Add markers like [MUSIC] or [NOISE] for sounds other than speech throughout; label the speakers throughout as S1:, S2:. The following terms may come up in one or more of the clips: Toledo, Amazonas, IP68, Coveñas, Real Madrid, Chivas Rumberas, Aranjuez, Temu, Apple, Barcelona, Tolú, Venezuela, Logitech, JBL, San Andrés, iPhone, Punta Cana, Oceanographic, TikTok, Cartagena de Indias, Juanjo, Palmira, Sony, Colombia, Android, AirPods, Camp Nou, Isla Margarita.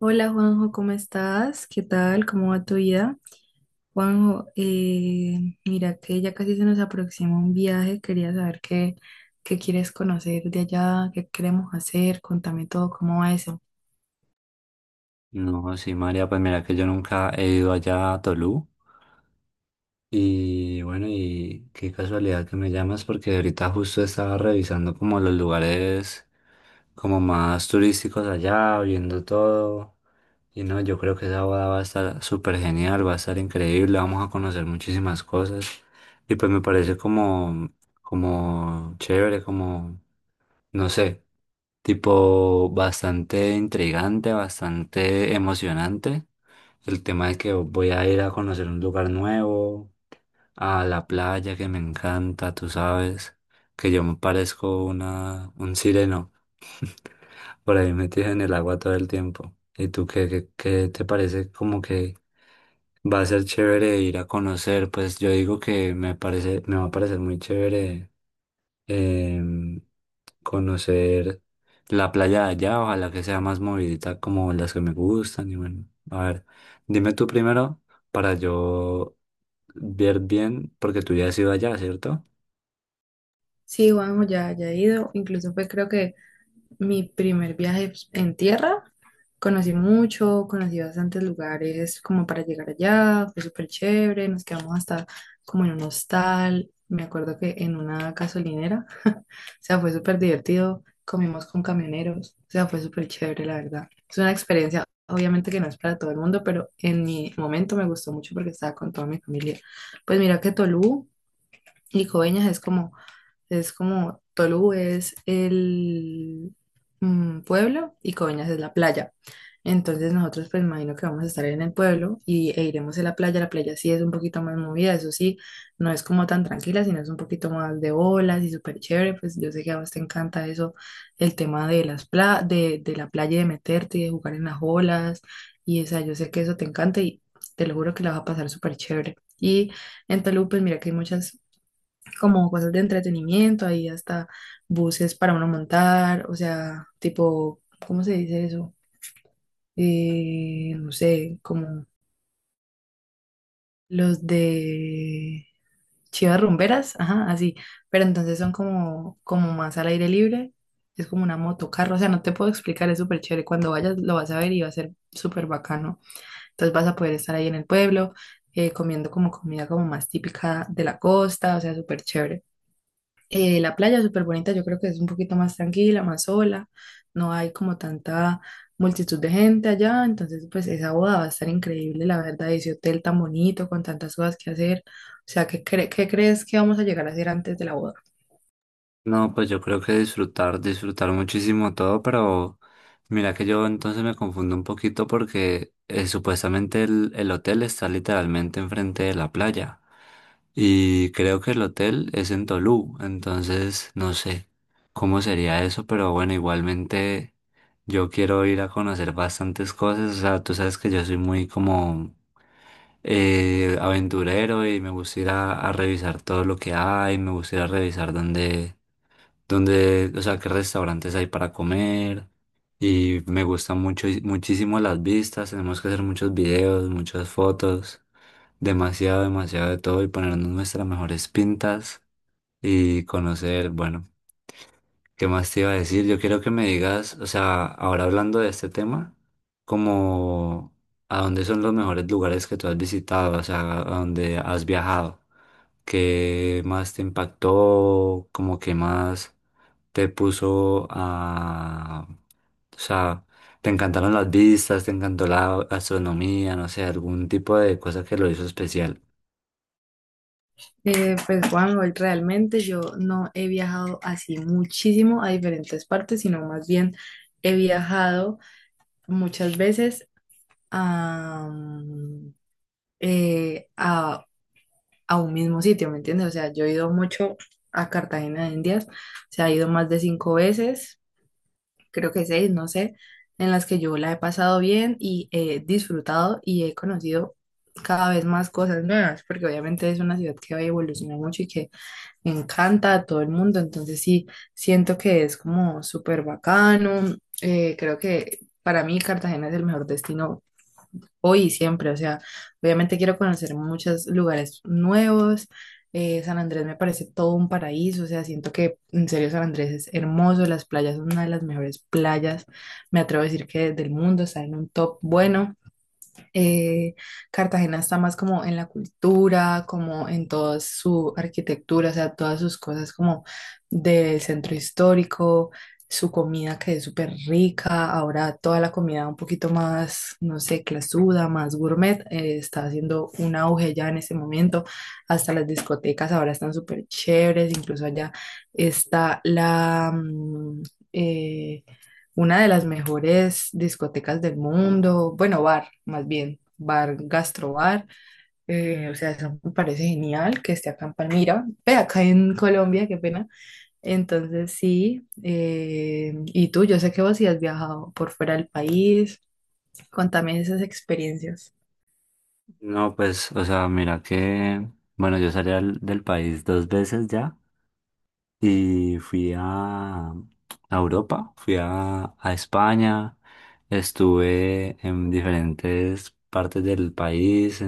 S1: Hola Juanjo, ¿cómo estás? ¿Qué tal? ¿Cómo va tu vida? Juanjo, mira que ya casi se nos aproxima un viaje. Quería saber qué quieres conocer de allá, qué queremos hacer, contame todo. ¿Cómo va eso?
S2: No, sí, María, pues mira que yo nunca he ido allá a Tolú. Y bueno, y qué casualidad que me llamas porque ahorita justo estaba revisando como los lugares como más turísticos allá, viendo todo. Y no, yo creo que esa boda va a estar súper genial, va a estar increíble, vamos a conocer muchísimas cosas. Y pues me parece como, como chévere, como, no sé, tipo bastante intrigante, bastante emocionante. El tema de que voy a ir a conocer un lugar nuevo, a la playa que me encanta, tú sabes, que yo me parezco un sireno. [LAUGHS] Por ahí metido en el agua todo el tiempo. ¿Y tú qué te parece como que va a ser chévere ir a conocer? Pues yo digo que me parece, me va a parecer muy chévere. eh, Conocer la playa de allá, ojalá que sea más movidita como las que me gustan. Y bueno, a ver, dime tú primero para yo ver bien, porque tú ya has ido allá, ¿cierto?
S1: Sí, Juanjo, ya, ya he ido. Incluso fue, creo que, mi primer viaje en tierra. Conocí mucho, conocí bastantes lugares como para llegar allá, fue súper chévere. Nos quedamos hasta como en un hostal, me acuerdo, que en una gasolinera, [LAUGHS] o sea, fue súper divertido. Comimos con camioneros, o sea, fue súper chévere, la verdad. Es una experiencia, obviamente que no es para todo el mundo, pero en mi momento me gustó mucho porque estaba con toda mi familia. Pues mira que Tolú y Coveñas es como, Tolú es el pueblo y Coveñas es la playa. Entonces nosotros, pues, imagino que vamos a estar en el pueblo e iremos a la playa. La playa sí es un poquito más movida, eso sí, no es como tan tranquila, sino es un poquito más de olas y súper chévere. Pues yo sé que a vos te encanta eso, el tema de la playa, y de meterte y de jugar en las olas. Y, o sea, yo sé que eso te encanta y te lo juro que la vas a pasar súper chévere. Y en Tolú, pues mira que hay muchas como cosas de entretenimiento, ahí hasta buses para uno montar, o sea, tipo, ¿cómo se dice eso? No sé, como los de Chivas Rumberas, ajá, así, pero entonces son como, como más al aire libre, es como una motocarro, o sea, no te puedo explicar, es súper chévere, cuando vayas lo vas a ver y va a ser súper bacano. Entonces vas a poder estar ahí en el pueblo, comiendo como comida como más típica de la costa, o sea, súper chévere. La playa es súper bonita, yo creo que es un poquito más tranquila, más sola, no hay como tanta multitud de gente allá. Entonces, pues, esa boda va a estar increíble, la verdad, ese hotel tan bonito, con tantas cosas que hacer. O sea, ¿qué crees que vamos a llegar a hacer antes de la boda?
S2: No, pues yo creo que disfrutar, disfrutar muchísimo todo, pero mira que yo entonces me confundo un poquito porque supuestamente el hotel está literalmente enfrente de la playa y creo que el hotel es en Tolú, entonces no sé cómo sería eso, pero bueno, igualmente yo quiero ir a conocer bastantes cosas, o sea, tú sabes que yo soy muy como aventurero y me gusta ir a revisar todo lo que hay, me gusta ir a revisar dónde donde, o sea, qué restaurantes hay para comer. Y me gustan mucho, muchísimo las vistas. Tenemos que hacer muchos videos, muchas fotos, demasiado, demasiado de todo y ponernos nuestras mejores pintas y conocer, bueno, ¿qué más te iba a decir? Yo quiero que me digas, o sea, ahora hablando de este tema, como a dónde son los mejores lugares que tú has visitado, o sea, a dónde has viajado. ¿Qué más te impactó? ¿Como qué más te puso a...? O sea, te encantaron las vistas, te encantó la astronomía, no sé, algún tipo de cosa que lo hizo especial.
S1: Pues, Juan, hoy realmente yo no he viajado así muchísimo a diferentes partes, sino más bien he viajado muchas veces a, mm, eh, a a un mismo sitio, ¿me entiendes? O sea, yo he ido mucho a Cartagena de Indias, o sea, he ido más de cinco veces, creo que seis, no sé, en las que yo la he pasado bien y he disfrutado y he conocido cada vez más cosas nuevas, porque obviamente es una ciudad que va a evolucionar mucho y que encanta a todo el mundo. Entonces, sí, siento que es como súper bacano. Creo que para mí Cartagena es el mejor destino hoy y siempre. O sea, obviamente quiero conocer muchos lugares nuevos. San Andrés me parece todo un paraíso. O sea, siento que en serio San Andrés es hermoso. Las playas son una de las mejores playas, me atrevo a decir, que del mundo, está en un top bueno. eh, Cartagena está más como en la cultura, como en toda su arquitectura, o sea, todas sus cosas como del centro histórico, su comida que es súper rica, ahora toda la comida un poquito más, no sé, clasuda, más gourmet, está haciendo un auge ya en ese momento. Hasta las discotecas ahora están súper chéveres, incluso allá está eh, una de las mejores discotecas del mundo, bueno, bar, más bien, bar, gastrobar, o sea, eso me parece genial que esté acá en Palmira, ve, acá en Colombia, qué pena. Entonces, sí, y tú, yo sé que vos sí has viajado por fuera del país, contame esas experiencias.
S2: No, pues, o sea, mira que, bueno, yo salí del país dos veces ya y fui a Europa, fui a España, estuve en diferentes partes del país,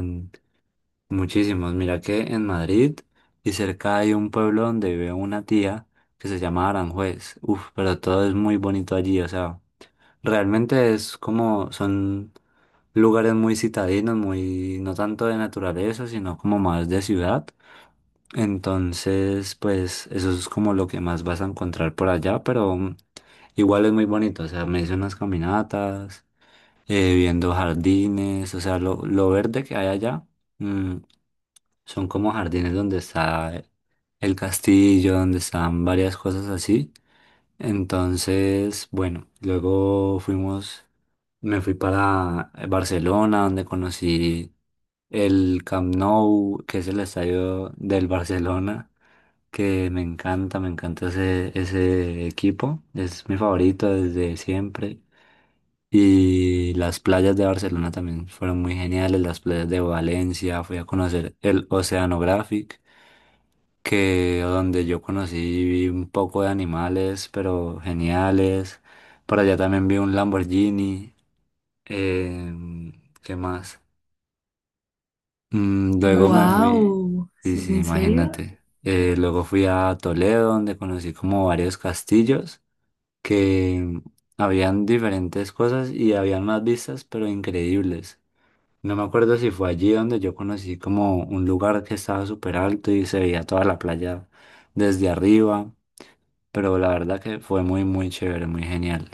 S2: muchísimos. Mira que en Madrid y cerca hay un pueblo donde vive una tía que se llama Aranjuez. Uf, pero todo es muy bonito allí. O sea, realmente es como, son lugares muy citadinos, muy, no tanto de naturaleza, sino como más de ciudad. Entonces, pues eso es como lo que más vas a encontrar por allá, pero igual es muy bonito. O sea, me hice unas caminatas, viendo jardines, o sea, lo verde que hay allá. mm, Son como jardines donde está el castillo, donde están varias cosas así. Entonces, bueno, luego fuimos, me fui para Barcelona, donde conocí el Camp Nou, que es el estadio del Barcelona, que me encanta ese equipo, es mi favorito desde siempre. Y las playas de Barcelona también fueron muy geniales, las playas de Valencia, fui a conocer el Oceanographic. Que donde yo conocí un poco de animales, pero geniales. Por allá también vi un Lamborghini. em, ¿Qué más? Luego me fui,
S1: Wow,
S2: sí, sí,
S1: ¿en la serio?
S2: imagínate. Luego fui a Toledo, donde conocí como varios castillos que habían diferentes cosas y habían más vistas, pero increíbles. No me acuerdo si fue allí donde yo conocí como un lugar que estaba súper alto y se veía toda la playa desde arriba. Pero la verdad que fue muy, muy chévere, muy genial.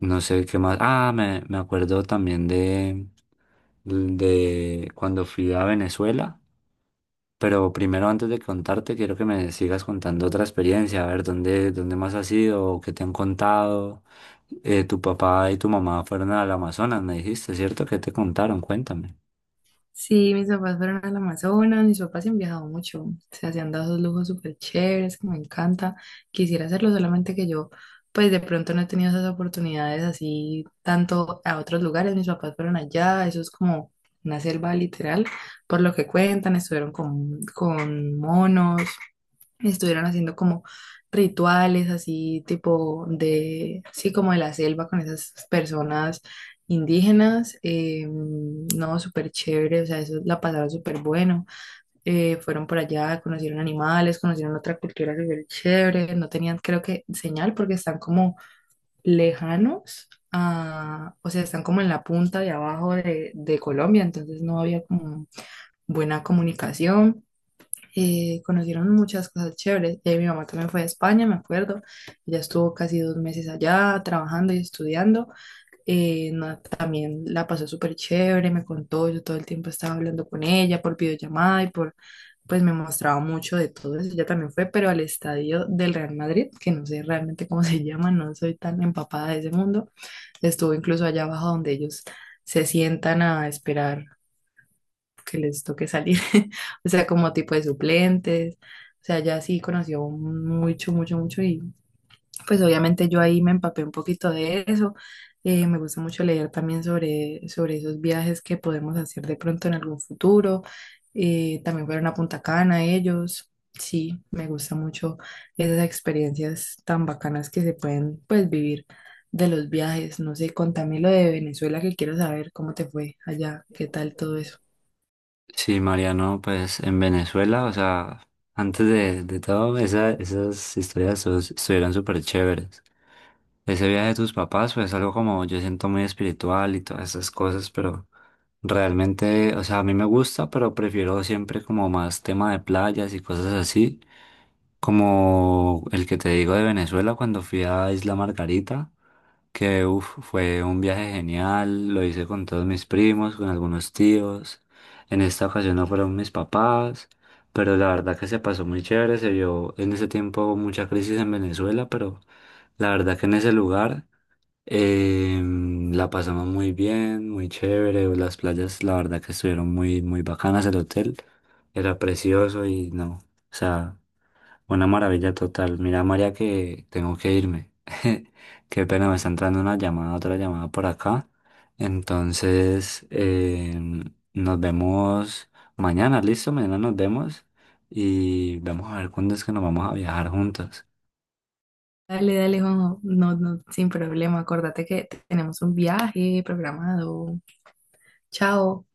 S2: No sé qué más. Ah, me acuerdo también de cuando fui a Venezuela, pero primero antes de contarte, quiero que me sigas contando otra experiencia, a ver dónde más has ido, qué te han contado. Tu papá y tu mamá fueron al Amazonas, me dijiste, ¿cierto? ¿Qué te contaron? Cuéntame.
S1: Sí, mis papás fueron al Amazonas. Mis papás se han viajado mucho, o sea, se han dado esos lujos súper chéveres que me encanta. Quisiera hacerlo, solamente que yo, pues, de pronto no he tenido esas oportunidades así tanto a otros lugares. Mis papás fueron allá, eso es como una selva literal, por lo que cuentan. Estuvieron con, monos, estuvieron haciendo como rituales así tipo de, sí, como de la selva con esas personas indígenas. No, súper chévere, o sea, eso la pasaron súper bueno. Fueron por allá, conocieron animales, conocieron otra cultura súper chévere. No tenían, creo que, señal, porque están como lejanos, o sea, están como en la punta de abajo de Colombia, entonces no había como buena comunicación. Conocieron muchas cosas chéveres. Mi mamá también fue a España, me acuerdo. Ella estuvo casi 2 meses allá trabajando y estudiando. También la pasó súper chévere, me contó. Yo todo el tiempo estaba hablando con ella por videollamada y por, pues me mostraba mucho de todo eso. Ella también fue, pero al estadio del Real Madrid, que no sé realmente cómo [LAUGHS] se llama, no soy tan empapada de ese mundo. Estuvo incluso allá abajo donde ellos se sientan a esperar que les toque salir, [LAUGHS] o sea, como tipo de suplentes. O sea, ya sí conoció mucho, mucho, mucho, y pues obviamente yo ahí me empapé un poquito de eso. Me gusta mucho leer también sobre, esos viajes que podemos hacer de pronto en algún futuro. También fueron a Punta Cana ellos. Sí, me gusta mucho esas experiencias tan bacanas que se pueden, pues, vivir de los viajes. No sé, contame lo de Venezuela, que quiero saber cómo te fue allá, qué tal todo eso.
S2: Sí, Mariano, pues en Venezuela, o sea, antes de todo, esas historias estuvieron súper chéveres. Ese viaje de tus papás, pues algo como yo siento muy espiritual y todas esas cosas, pero realmente, o sea, a mí me gusta, pero prefiero siempre como más tema de playas y cosas así, como el que te digo de Venezuela cuando fui a Isla Margarita que uf, fue un viaje genial, lo hice con todos mis primos, con algunos tíos. En esta ocasión no fueron mis papás, pero la verdad que se pasó muy chévere, se vio en ese tiempo mucha crisis en Venezuela, pero la verdad que en ese lugar la pasamos muy bien, muy chévere, las playas la verdad que estuvieron muy, muy bacanas, el hotel era precioso y no, o sea... Una maravilla total. Mira, María, que tengo que irme. [LAUGHS] Qué pena, me está entrando una llamada, otra llamada por acá. Entonces, nos vemos mañana, ¿listo? Mañana nos vemos y vamos a ver cuándo es que nos vamos a viajar juntos.
S1: Dale, dale, Juanjo. No, no, sin problema. Acuérdate que tenemos un viaje programado. Chao.